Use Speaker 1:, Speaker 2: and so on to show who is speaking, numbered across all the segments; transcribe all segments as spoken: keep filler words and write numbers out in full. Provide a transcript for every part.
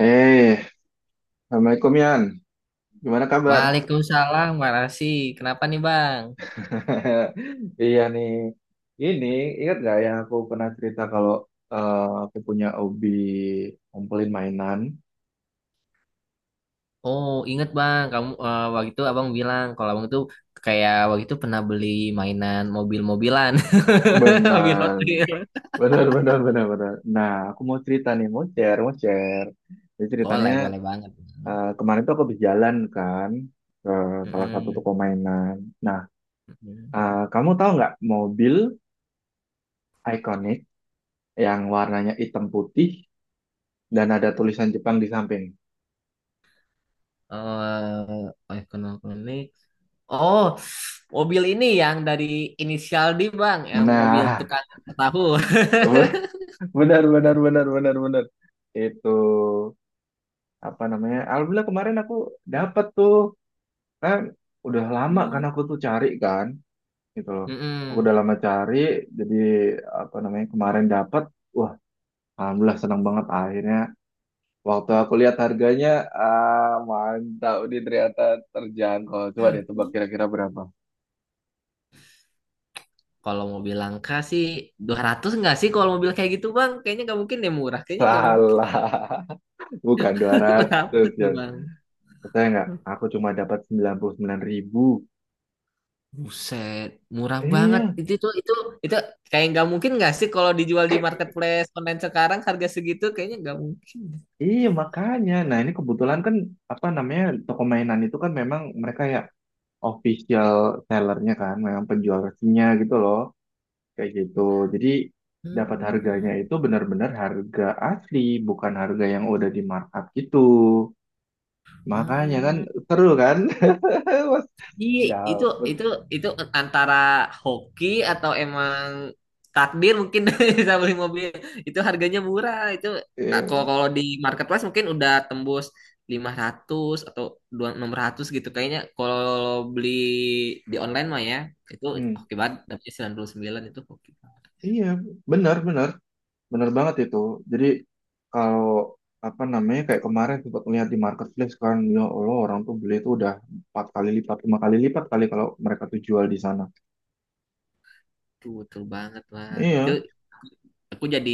Speaker 1: Eh, Assalamualaikum Yan. Gimana kabar?
Speaker 2: Waalaikumsalam, makasih. Kenapa nih, Bang?
Speaker 1: Iya nih. Ini ingat gak yang aku pernah cerita kalau eh, aku punya hobi ngumpulin mainan?
Speaker 2: Oh, inget, Bang. Kamu eh, waktu itu Abang bilang kalau Abang itu kayak waktu itu pernah beli mainan mobil-mobilan. Mobil Hot
Speaker 1: Benar,
Speaker 2: Wheels.
Speaker 1: benar, benar, benar, benar. Nah, aku mau cerita nih, mau share, mau share. Jadi
Speaker 2: Boleh,
Speaker 1: ceritanya
Speaker 2: boleh banget.
Speaker 1: eh, kemarin tuh aku habis jalan kan ke salah satu
Speaker 2: Mm-mm.
Speaker 1: toko mainan. Nah,
Speaker 2: Mm-mm.
Speaker 1: eh, kamu tahu nggak mobil ikonik yang warnanya hitam putih dan ada tulisan Jepang di samping?
Speaker 2: Eh, ekonomi. Oh, mobil ini yang dari inisial D, Bang, yang mobil
Speaker 1: Nah,
Speaker 2: tukang tahu.
Speaker 1: benar benar benar benar benar. Itu apa namanya? Alhamdulillah kemarin aku dapat tuh. Kan udah lama kan aku tuh cari kan gitu loh. Aku
Speaker 2: Mm-mm.
Speaker 1: udah lama cari jadi apa namanya? Kemarin dapat. Wah, alhamdulillah senang banget akhirnya. Waktu aku lihat harganya, ah mantap nih ternyata terjangkau. Coba deh tebak kira-kira berapa?
Speaker 2: Kalau mobil langka sih dua ratus nggak sih kalau mobil kayak gitu, Bang? Kayaknya nggak mungkin deh murah. Kayaknya nggak mungkin.
Speaker 1: Salah, bukan dua
Speaker 2: Berapa
Speaker 1: ratus
Speaker 2: tuh,
Speaker 1: ya.
Speaker 2: Bang?
Speaker 1: Percaya nggak? Aku cuma dapat sembilan puluh sembilan ribu.
Speaker 2: Buset, murah banget.
Speaker 1: Iya,
Speaker 2: Itu tuh itu itu kayak nggak mungkin nggak sih kalau dijual di marketplace online sekarang harga segitu kayaknya nggak mungkin.
Speaker 1: Iya makanya. Nah ini kebetulan kan apa namanya toko mainan itu kan memang mereka ya official sellernya kan, memang penjual resminya gitu loh, kayak gitu. Jadi dapat harganya
Speaker 2: Hmm.
Speaker 1: itu benar-benar harga asli, bukan harga yang udah di markup gitu. Makanya kan
Speaker 2: Hmm.
Speaker 1: seru kan, mas
Speaker 2: Iya, itu
Speaker 1: dapet.
Speaker 2: itu itu antara hoki atau emang takdir mungkin bisa beli mobil. Itu harganya murah. Itu ah, kalau
Speaker 1: Iya,
Speaker 2: kalau di marketplace mungkin udah tembus lima ratus atau dua enam ratus gitu kayaknya kalau beli di online mah ya. Itu
Speaker 1: hmm.
Speaker 2: hoki banget dapetnya sembilan puluh sembilan, itu hoki banget.
Speaker 1: Iya, benar-benar. Bener banget itu. Jadi kalau apa namanya kayak kemarin sempat melihat di marketplace kan ya Allah orang tuh beli itu udah empat kali lipat, lima kali lipat kali kalau mereka tuh jual di sana.
Speaker 2: Tuh, betul banget, Bang. Itu
Speaker 1: Iya,
Speaker 2: aku jadi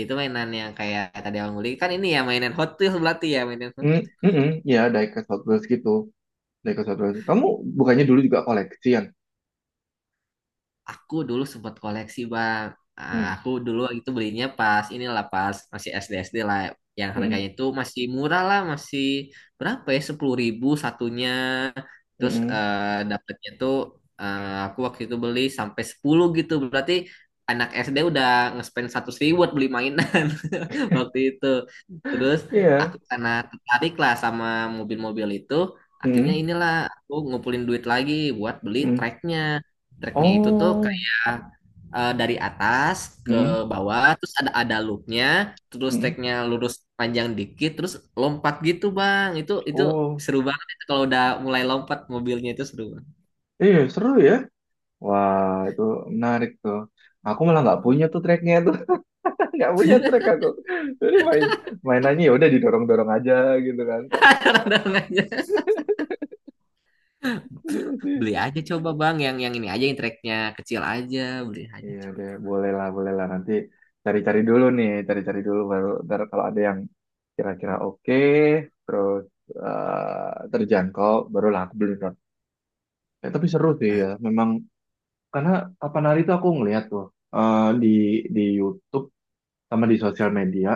Speaker 2: itu mainan yang kayak tadi Abang beli kan ini ya mainan Hot Wheels berarti ya mainan.
Speaker 1: mm, mm-mm. Iya diecast Hot Wheels gitu, diecast Hot Wheels. Kamu bukannya dulu juga koleksian?
Speaker 2: Aku dulu sempat koleksi, bang. Ah,
Speaker 1: Hmm,
Speaker 2: aku dulu waktu itu belinya pas inilah pas masih S D S D lah, yang harganya
Speaker 1: mm-mm,
Speaker 2: itu masih murah lah, masih berapa ya sepuluh ribu satunya. Terus
Speaker 1: mm-mm.
Speaker 2: eh dapatnya tuh eh, aku waktu itu beli sampai sepuluh gitu, berarti anak S D udah nge-spend seratus ribu buat beli mainan waktu itu. Terus
Speaker 1: Iya,
Speaker 2: aku karena tertarik lah sama mobil-mobil itu, akhirnya
Speaker 1: mm-mm,
Speaker 2: inilah aku ngumpulin duit lagi buat beli
Speaker 1: mm-mm.
Speaker 2: tracknya. Tracknya itu tuh
Speaker 1: Oh,
Speaker 2: kayak eh, dari atas ke
Speaker 1: mm-mm,
Speaker 2: bawah, terus ada ada loopnya, terus
Speaker 1: mm-mm.
Speaker 2: tracknya lurus panjang dikit, terus lompat gitu, bang. Itu itu
Speaker 1: Oh,
Speaker 2: seru banget itu kalau udah mulai lompat mobilnya itu seru banget.
Speaker 1: iya seru ya. Wah itu menarik tuh. Aku malah nggak punya tuh tracknya, nggak punya track aku, jadi main mainannya ya udah didorong dorong aja gitu kan.
Speaker 2: Dorong aja.
Speaker 1: Jadi mesti
Speaker 2: Beli aja coba, bang, yang yang ini aja yang tracknya kecil aja, beli aja
Speaker 1: iya
Speaker 2: coba.
Speaker 1: deh, boleh lah, boleh lah, nanti cari cari dulu nih, cari cari dulu, baru ntar kalau ada yang kira kira oke terus eh, terjangkau barulah aku beli drone ya. Tapi seru sih
Speaker 2: Nah,
Speaker 1: ya memang, karena kapan hari itu aku ngeliat tuh eh, di di YouTube sama di sosial media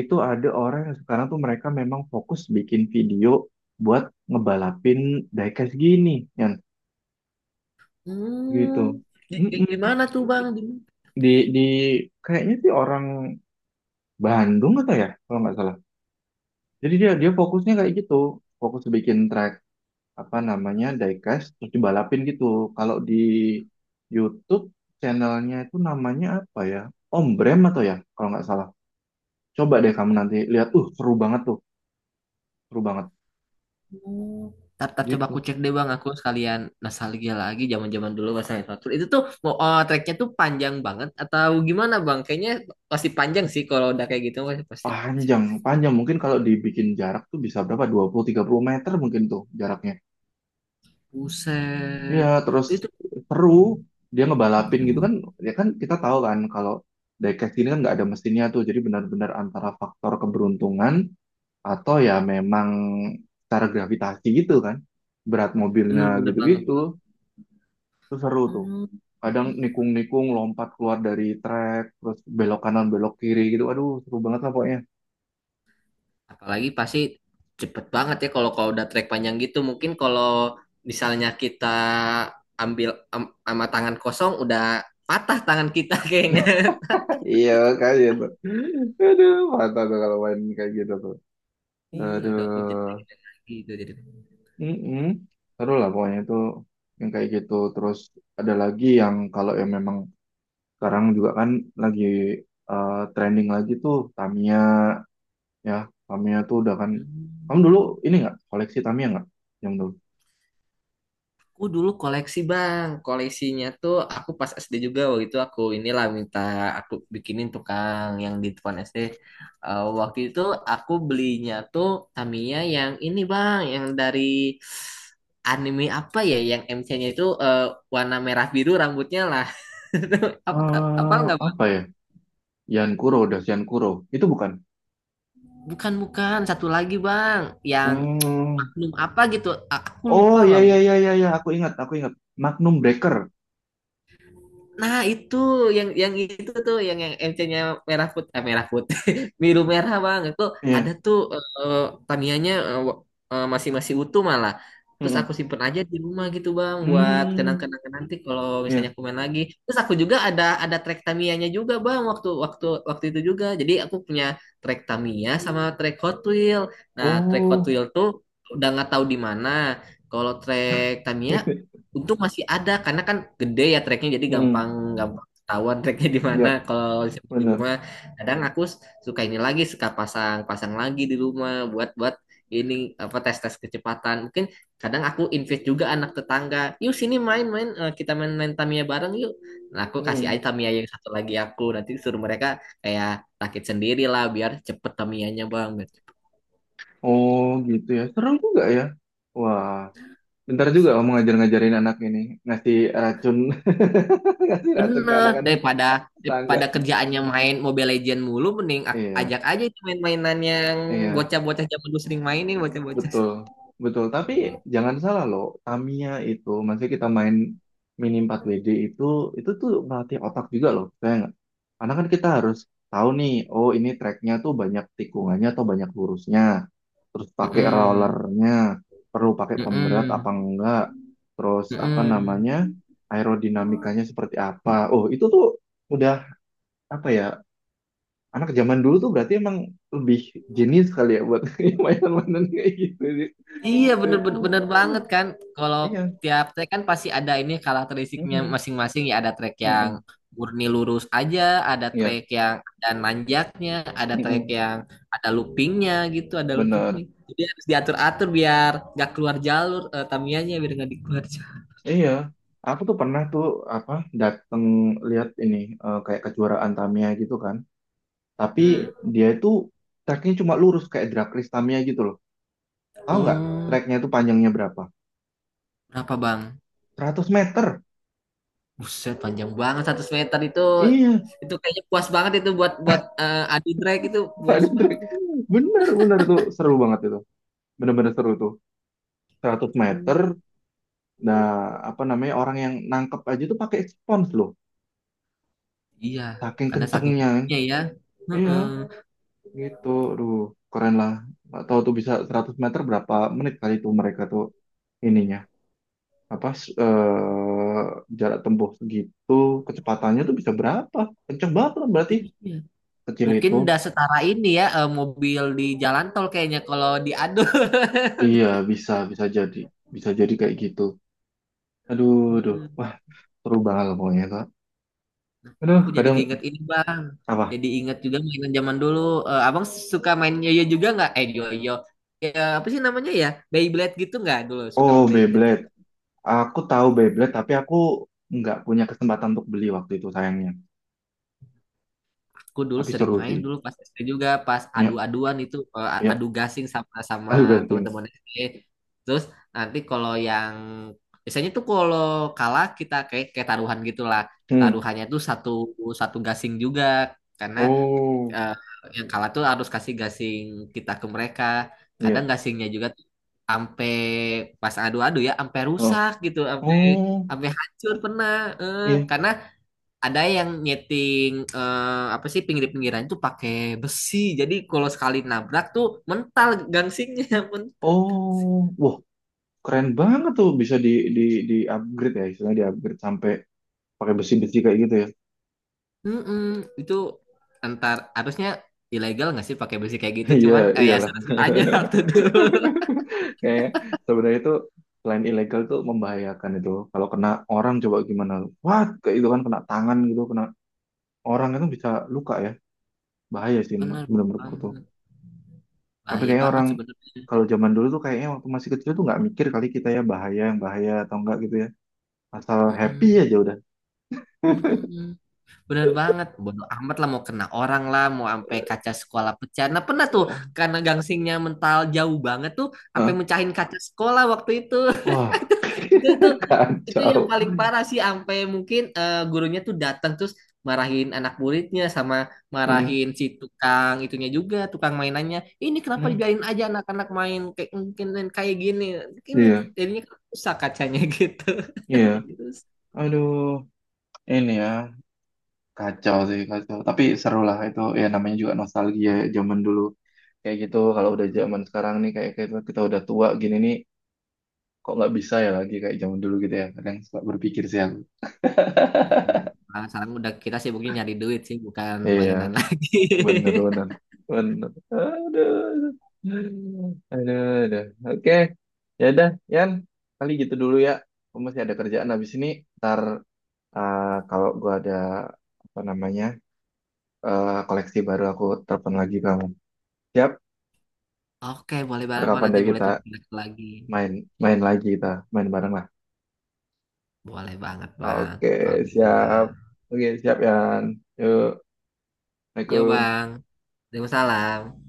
Speaker 1: itu ada orang yang sekarang tuh mereka memang fokus bikin video buat ngebalapin diecast gini ya gitu.
Speaker 2: hmm, di, di, di
Speaker 1: Mm-mm.
Speaker 2: mana tuh, bang? Di
Speaker 1: Di di kayaknya sih orang Bandung atau ya kalau nggak salah. Jadi dia dia fokusnya kayak gitu, fokus bikin track apa namanya diecast terus dibalapin gitu. Kalau di YouTube channelnya itu namanya apa ya? Om Brem atau ya kalau nggak salah. Coba deh kamu nanti lihat, uh seru banget tuh, seru banget
Speaker 2: oh. Tar, tar, coba aku
Speaker 1: gitu.
Speaker 2: cek deh, bang, aku sekalian nostalgia lagi zaman-zaman dulu pas naik Fatul. Itu tuh mau oh, treknya tuh panjang banget atau gimana, bang? Kayaknya pasti panjang sih kalau udah kayak gitu, pasti, pasti. panjang.
Speaker 1: Panjang, panjang mungkin kalau dibikin jarak tuh bisa berapa? dua puluh tiga puluh meter mungkin tuh jaraknya. Iya,
Speaker 2: Buset,
Speaker 1: terus
Speaker 2: itu, itu
Speaker 1: seru. Dia ngebalapin gitu kan. Ya kan kita tahu kan kalau diecast ini kan nggak ada mesinnya tuh. Jadi benar-benar antara faktor keberuntungan atau ya memang secara gravitasi gitu kan. Berat mobilnya
Speaker 2: bener-bener banget, bang.
Speaker 1: gitu-gitu. Itu seru tuh.
Speaker 2: Hmm.
Speaker 1: Kadang nikung-nikung, lompat keluar dari trek, terus belok kanan, belok kiri gitu. Aduh, seru banget lah pokoknya.
Speaker 2: Apalagi pasti cepet banget ya kalau kalau udah trek panjang gitu. Mungkin kalau misalnya kita ambil am- sama tangan kosong udah patah tangan kita kayaknya.
Speaker 1: Iya, kayak gitu. Aduh, mantap tuh kalau main kayak gitu tuh.
Speaker 2: Iya, aduh aku jadi
Speaker 1: Aduh.
Speaker 2: gitu jadi.
Speaker 1: mm Seru lah pokoknya itu yang kayak gitu. Terus ada lagi yang kalau yang memang sekarang juga kan lagi eh, trending lagi tuh Tamiya ya. Tamiya tuh udah kan. Kamu dulu
Speaker 2: Hmm.
Speaker 1: ini nggak koleksi Tamiya nggak? Yang dulu.
Speaker 2: Aku dulu koleksi, bang, koleksinya tuh aku pas S D juga waktu itu aku inilah minta aku bikinin tukang yang di depan S D. Eh, waktu itu aku belinya tuh Tamiya yang ini, bang, yang dari anime apa ya, yang M C-nya itu eh, warna merah biru rambutnya lah. Apa, apa
Speaker 1: Eh,
Speaker 2: nggak, bang?
Speaker 1: apa ya? Yan Kuro, udah Yan Kuro. Itu bukan.
Speaker 2: Bukan, bukan, satu lagi, bang, yang
Speaker 1: Hmm.
Speaker 2: oknum apa gitu, A- aku
Speaker 1: Oh
Speaker 2: lupa,
Speaker 1: ya
Speaker 2: bang.
Speaker 1: ya ya ya iya. Aku ingat aku ingat. Magnum Breaker.
Speaker 2: Nah, itu yang yang itu tuh yang yang M C-nya merah putih, eh, merah putih, biru
Speaker 1: Eh,
Speaker 2: merah, Bang. Itu ada
Speaker 1: Iya.
Speaker 2: tuh eh, Tamiya-nya eh, wa- eh, masih masih utuh malah. Terus aku
Speaker 1: Mm-mm.
Speaker 2: simpen aja di rumah gitu, Bang, buat
Speaker 1: Hmm.
Speaker 2: kenang-kenangan nanti kalau misalnya
Speaker 1: Iya.
Speaker 2: aku main lagi. Terus aku juga ada ada track Tamiya-nya juga, Bang, waktu waktu waktu itu juga. Jadi aku punya track Tamiya sama track Hot Wheel. Nah, track Hot
Speaker 1: Oh.
Speaker 2: Wheel tuh udah nggak tahu di mana. Kalau track Tamiya untung masih ada karena kan gede ya treknya, jadi
Speaker 1: Hmm.
Speaker 2: gampang gampang ketahuan treknya di mana.
Speaker 1: ya
Speaker 2: Kalau di
Speaker 1: benar.
Speaker 2: rumah kadang aku suka ini lagi, suka pasang pasang lagi di rumah buat buat ini apa tes tes kecepatan. Mungkin kadang aku invite juga anak tetangga. Yuk sini main-main, eh, kita main-main Tamiya bareng yuk. Nah, aku kasih
Speaker 1: Hmm.
Speaker 2: aja Tamiya yang satu lagi, aku nanti suruh mereka kayak rakit sendiri lah biar cepet Tamiyanya, bang.
Speaker 1: Oh gitu ya, seru juga ya. Wah, bentar juga kamu ngajar-ngajarin anak ini, ngasih racun, ngasih racun ke
Speaker 2: Bener,
Speaker 1: anak-anak
Speaker 2: daripada
Speaker 1: tetangga.
Speaker 2: daripada kerjaannya main Mobile Legend mulu, mending aku
Speaker 1: Iya,
Speaker 2: ajak aja itu main-mainan yang
Speaker 1: iya.
Speaker 2: bocah-bocah zaman dulu sering mainin bocah-bocah.
Speaker 1: Betul, betul. Tapi jangan salah loh, Tamiya itu, masih kita main mini empat W D itu, itu tuh melatih otak juga loh, saya nggak? Karena kan kita harus tahu nih, oh ini tracknya tuh banyak tikungannya atau banyak lurusnya, terus pakai
Speaker 2: Mm-mm.
Speaker 1: rollernya, perlu pakai pemberat apa
Speaker 2: Mm-mm.
Speaker 1: enggak, terus apa namanya,
Speaker 2: Mm-mm.
Speaker 1: aerodinamikanya seperti apa. Oh itu tuh udah apa ya, anak zaman dulu tuh berarti emang lebih jenius kali ya buat mainan-mainan kayak gitu.
Speaker 2: Iya bener, bener bener banget kan. Kalau
Speaker 1: Iya.
Speaker 2: tiap track kan pasti ada ini karakteristiknya
Speaker 1: Mm-mm.
Speaker 2: masing-masing ya. Ada track yang
Speaker 1: Mm-mm.
Speaker 2: murni lurus aja, ada
Speaker 1: Iya.
Speaker 2: track yang ada nanjaknya, ada track
Speaker 1: Mm-mm.
Speaker 2: yang ada loopingnya gitu, ada
Speaker 1: benar.
Speaker 2: loopingnya. Jadi harus diatur-atur biar gak keluar jalur, eh, tamianya biar gak dikeluar.
Speaker 1: Iya. Aku tuh pernah tuh apa dateng lihat ini eh, kayak kejuaraan Tamiya gitu kan. Tapi
Speaker 2: Hmm.
Speaker 1: dia itu treknya cuma lurus kayak drag race Tamiya gitu loh. Tahu nggak
Speaker 2: Oh,
Speaker 1: treknya itu panjangnya berapa?
Speaker 2: berapa, bang?
Speaker 1: Seratus meter.
Speaker 2: Buset, panjang banget seratus meter itu.
Speaker 1: Iya,
Speaker 2: Itu kayaknya puas banget itu buat buat eh, adu drag, itu
Speaker 1: tak
Speaker 2: puas
Speaker 1: ada
Speaker 2: banget
Speaker 1: trek.
Speaker 2: itu.
Speaker 1: Bener, bener itu seru banget itu. Bener-bener seru tuh. Seratus
Speaker 2: Hmm.
Speaker 1: meter. Nah, apa namanya orang yang nangkep aja tuh pakai spons loh.
Speaker 2: Iya,
Speaker 1: Saking
Speaker 2: karena saking
Speaker 1: kencengnya kan.
Speaker 2: cepatnya ya.
Speaker 1: Iya.
Speaker 2: Heeh.
Speaker 1: Gitu, aduh, keren lah. Nggak tahu tuh bisa seratus meter berapa menit kali tuh mereka tuh ininya. Apa, s- eh, jarak tempuh segitu, kecepatannya tuh bisa berapa? Kenceng banget lah berarti.
Speaker 2: Iya.
Speaker 1: Kecil
Speaker 2: Mungkin
Speaker 1: itu.
Speaker 2: udah setara ini ya, eh, mobil di jalan tol kayaknya kalau diadu.
Speaker 1: Iya, bisa, bisa jadi. Bisa jadi kayak gitu. Aduh, aduh.
Speaker 2: Heeh.
Speaker 1: Wah, seru banget lah pokoknya, Kak. Aduh,
Speaker 2: Aku jadi
Speaker 1: kadang,
Speaker 2: keinget ini, bang.
Speaker 1: apa?
Speaker 2: Jadi ingat juga mainan zaman dulu. Eh, abang suka main yoyo juga nggak? Eh yoyo. Ya, apa sih namanya ya? Beyblade gitu nggak dulu? Suka
Speaker 1: Oh,
Speaker 2: main Beyblade.
Speaker 1: Beyblade. Aku tahu Beyblade, tapi aku nggak punya kesempatan untuk beli waktu itu, sayangnya.
Speaker 2: Aku dulu
Speaker 1: Tapi
Speaker 2: sering
Speaker 1: seru
Speaker 2: main
Speaker 1: sih.
Speaker 2: dulu pas S D juga, pas
Speaker 1: Ya,
Speaker 2: adu-aduan itu eh,
Speaker 1: ya.
Speaker 2: adu gasing sama sama
Speaker 1: Aduh, gasing.
Speaker 2: teman-teman S D. Terus nanti kalau yang biasanya tuh kalau kalah kita kayak kayak taruhan gitulah.
Speaker 1: Hmm.
Speaker 2: Taruhannya tuh satu satu gasing juga karena
Speaker 1: Oh.
Speaker 2: eh, yang kalah tuh harus kasih gasing kita ke mereka. Kadang
Speaker 1: Iya.
Speaker 2: gasingnya juga tuh sampai pas adu-adu ya sampai
Speaker 1: Oh.
Speaker 2: rusak gitu, sampai
Speaker 1: Oh,
Speaker 2: sampai hancur pernah. Eh,
Speaker 1: iya.
Speaker 2: karena ada yang nyeting eh, apa sih pinggir-pinggiran itu pakai besi. Jadi kalau sekali nabrak tuh mental gangsingnya mental sih.
Speaker 1: Oh, wah, keren banget tuh bisa di di di upgrade ya, istilahnya di upgrade sampai pakai besi-besi kayak gitu ya.
Speaker 2: Mm-mm. Itu antar harusnya ilegal nggak sih pakai besi kayak gitu,
Speaker 1: Iya,
Speaker 2: cuman kayak ya
Speaker 1: iyalah.
Speaker 2: seru aja waktu dulu.
Speaker 1: Kayak sebenarnya itu selain ilegal tuh membahayakan itu. Kalau kena orang coba gimana? What? Kayak itu kan kena tangan gitu, kena orang itu bisa luka ya. Bahaya sih menur-
Speaker 2: Bener
Speaker 1: menurut menurutku tuh.
Speaker 2: banget,
Speaker 1: Tapi
Speaker 2: bahaya
Speaker 1: kayaknya
Speaker 2: banget
Speaker 1: orang
Speaker 2: sebenarnya.
Speaker 1: kalau zaman dulu tuh kayaknya waktu masih kecil tuh nggak mikir kali kita ya bahaya yang bahaya atau enggak gitu ya. Asal happy
Speaker 2: Mm-mm.
Speaker 1: aja udah.
Speaker 2: Mm-mm. Bener banget, bodo amat lah mau kena orang lah, mau sampai kaca sekolah pecah, nah pernah tuh,
Speaker 1: Eh,
Speaker 2: karena gangsingnya mental jauh banget tuh sampai
Speaker 1: Hah?
Speaker 2: mecahin kaca sekolah waktu itu.
Speaker 1: Wah,
Speaker 2: Itu itu itu yang
Speaker 1: Kacau.
Speaker 2: paling parah sih, sampai mungkin eh, gurunya tuh datang terus marahin anak muridnya, sama
Speaker 1: Hmm.
Speaker 2: marahin si tukang itunya juga, tukang mainannya, ini kenapa
Speaker 1: Hmm.
Speaker 2: dibiarin aja anak-anak main kayak mungkin main kayak gini, ini
Speaker 1: Iya,
Speaker 2: jadinya rusak kacanya gitu.
Speaker 1: iya.
Speaker 2: Jadi terus
Speaker 1: Aduh, ini ya kacau sih kacau. Tapi seru lah itu ya namanya juga nostalgia ya, zaman dulu kayak gitu. Kalau udah zaman sekarang nih kayak kita, kita udah tua gini nih kok nggak bisa ya lagi kayak zaman dulu gitu ya. Kadang suka berpikir sih aku.
Speaker 2: nah, sekarang udah kita sibuknya nyari duit sih bukan
Speaker 1: Iya,
Speaker 2: mainan lagi.
Speaker 1: bener bener bener. Aduh, aduh, aduh. Oke, ya udah, Yan. Kali gitu dulu ya. Aku masih ada kerjaan habis ini. Ntar Eh, kalau gua ada apa namanya eh, koleksi baru aku telepon lagi kamu. Siap,
Speaker 2: Oke boleh
Speaker 1: ntar
Speaker 2: banget, bang,
Speaker 1: kapan
Speaker 2: nanti
Speaker 1: deh
Speaker 2: boleh
Speaker 1: kita
Speaker 2: tunjukin lagi.
Speaker 1: main main lagi kita main bareng lah.
Speaker 2: Boleh banget, bang,
Speaker 1: Oke,
Speaker 2: kalau gitu,
Speaker 1: siap.
Speaker 2: bang.
Speaker 1: Oke, siap Yan. Yuk,
Speaker 2: Yo,
Speaker 1: Assalamualaikum.
Speaker 2: bang. Waalaikumsalam.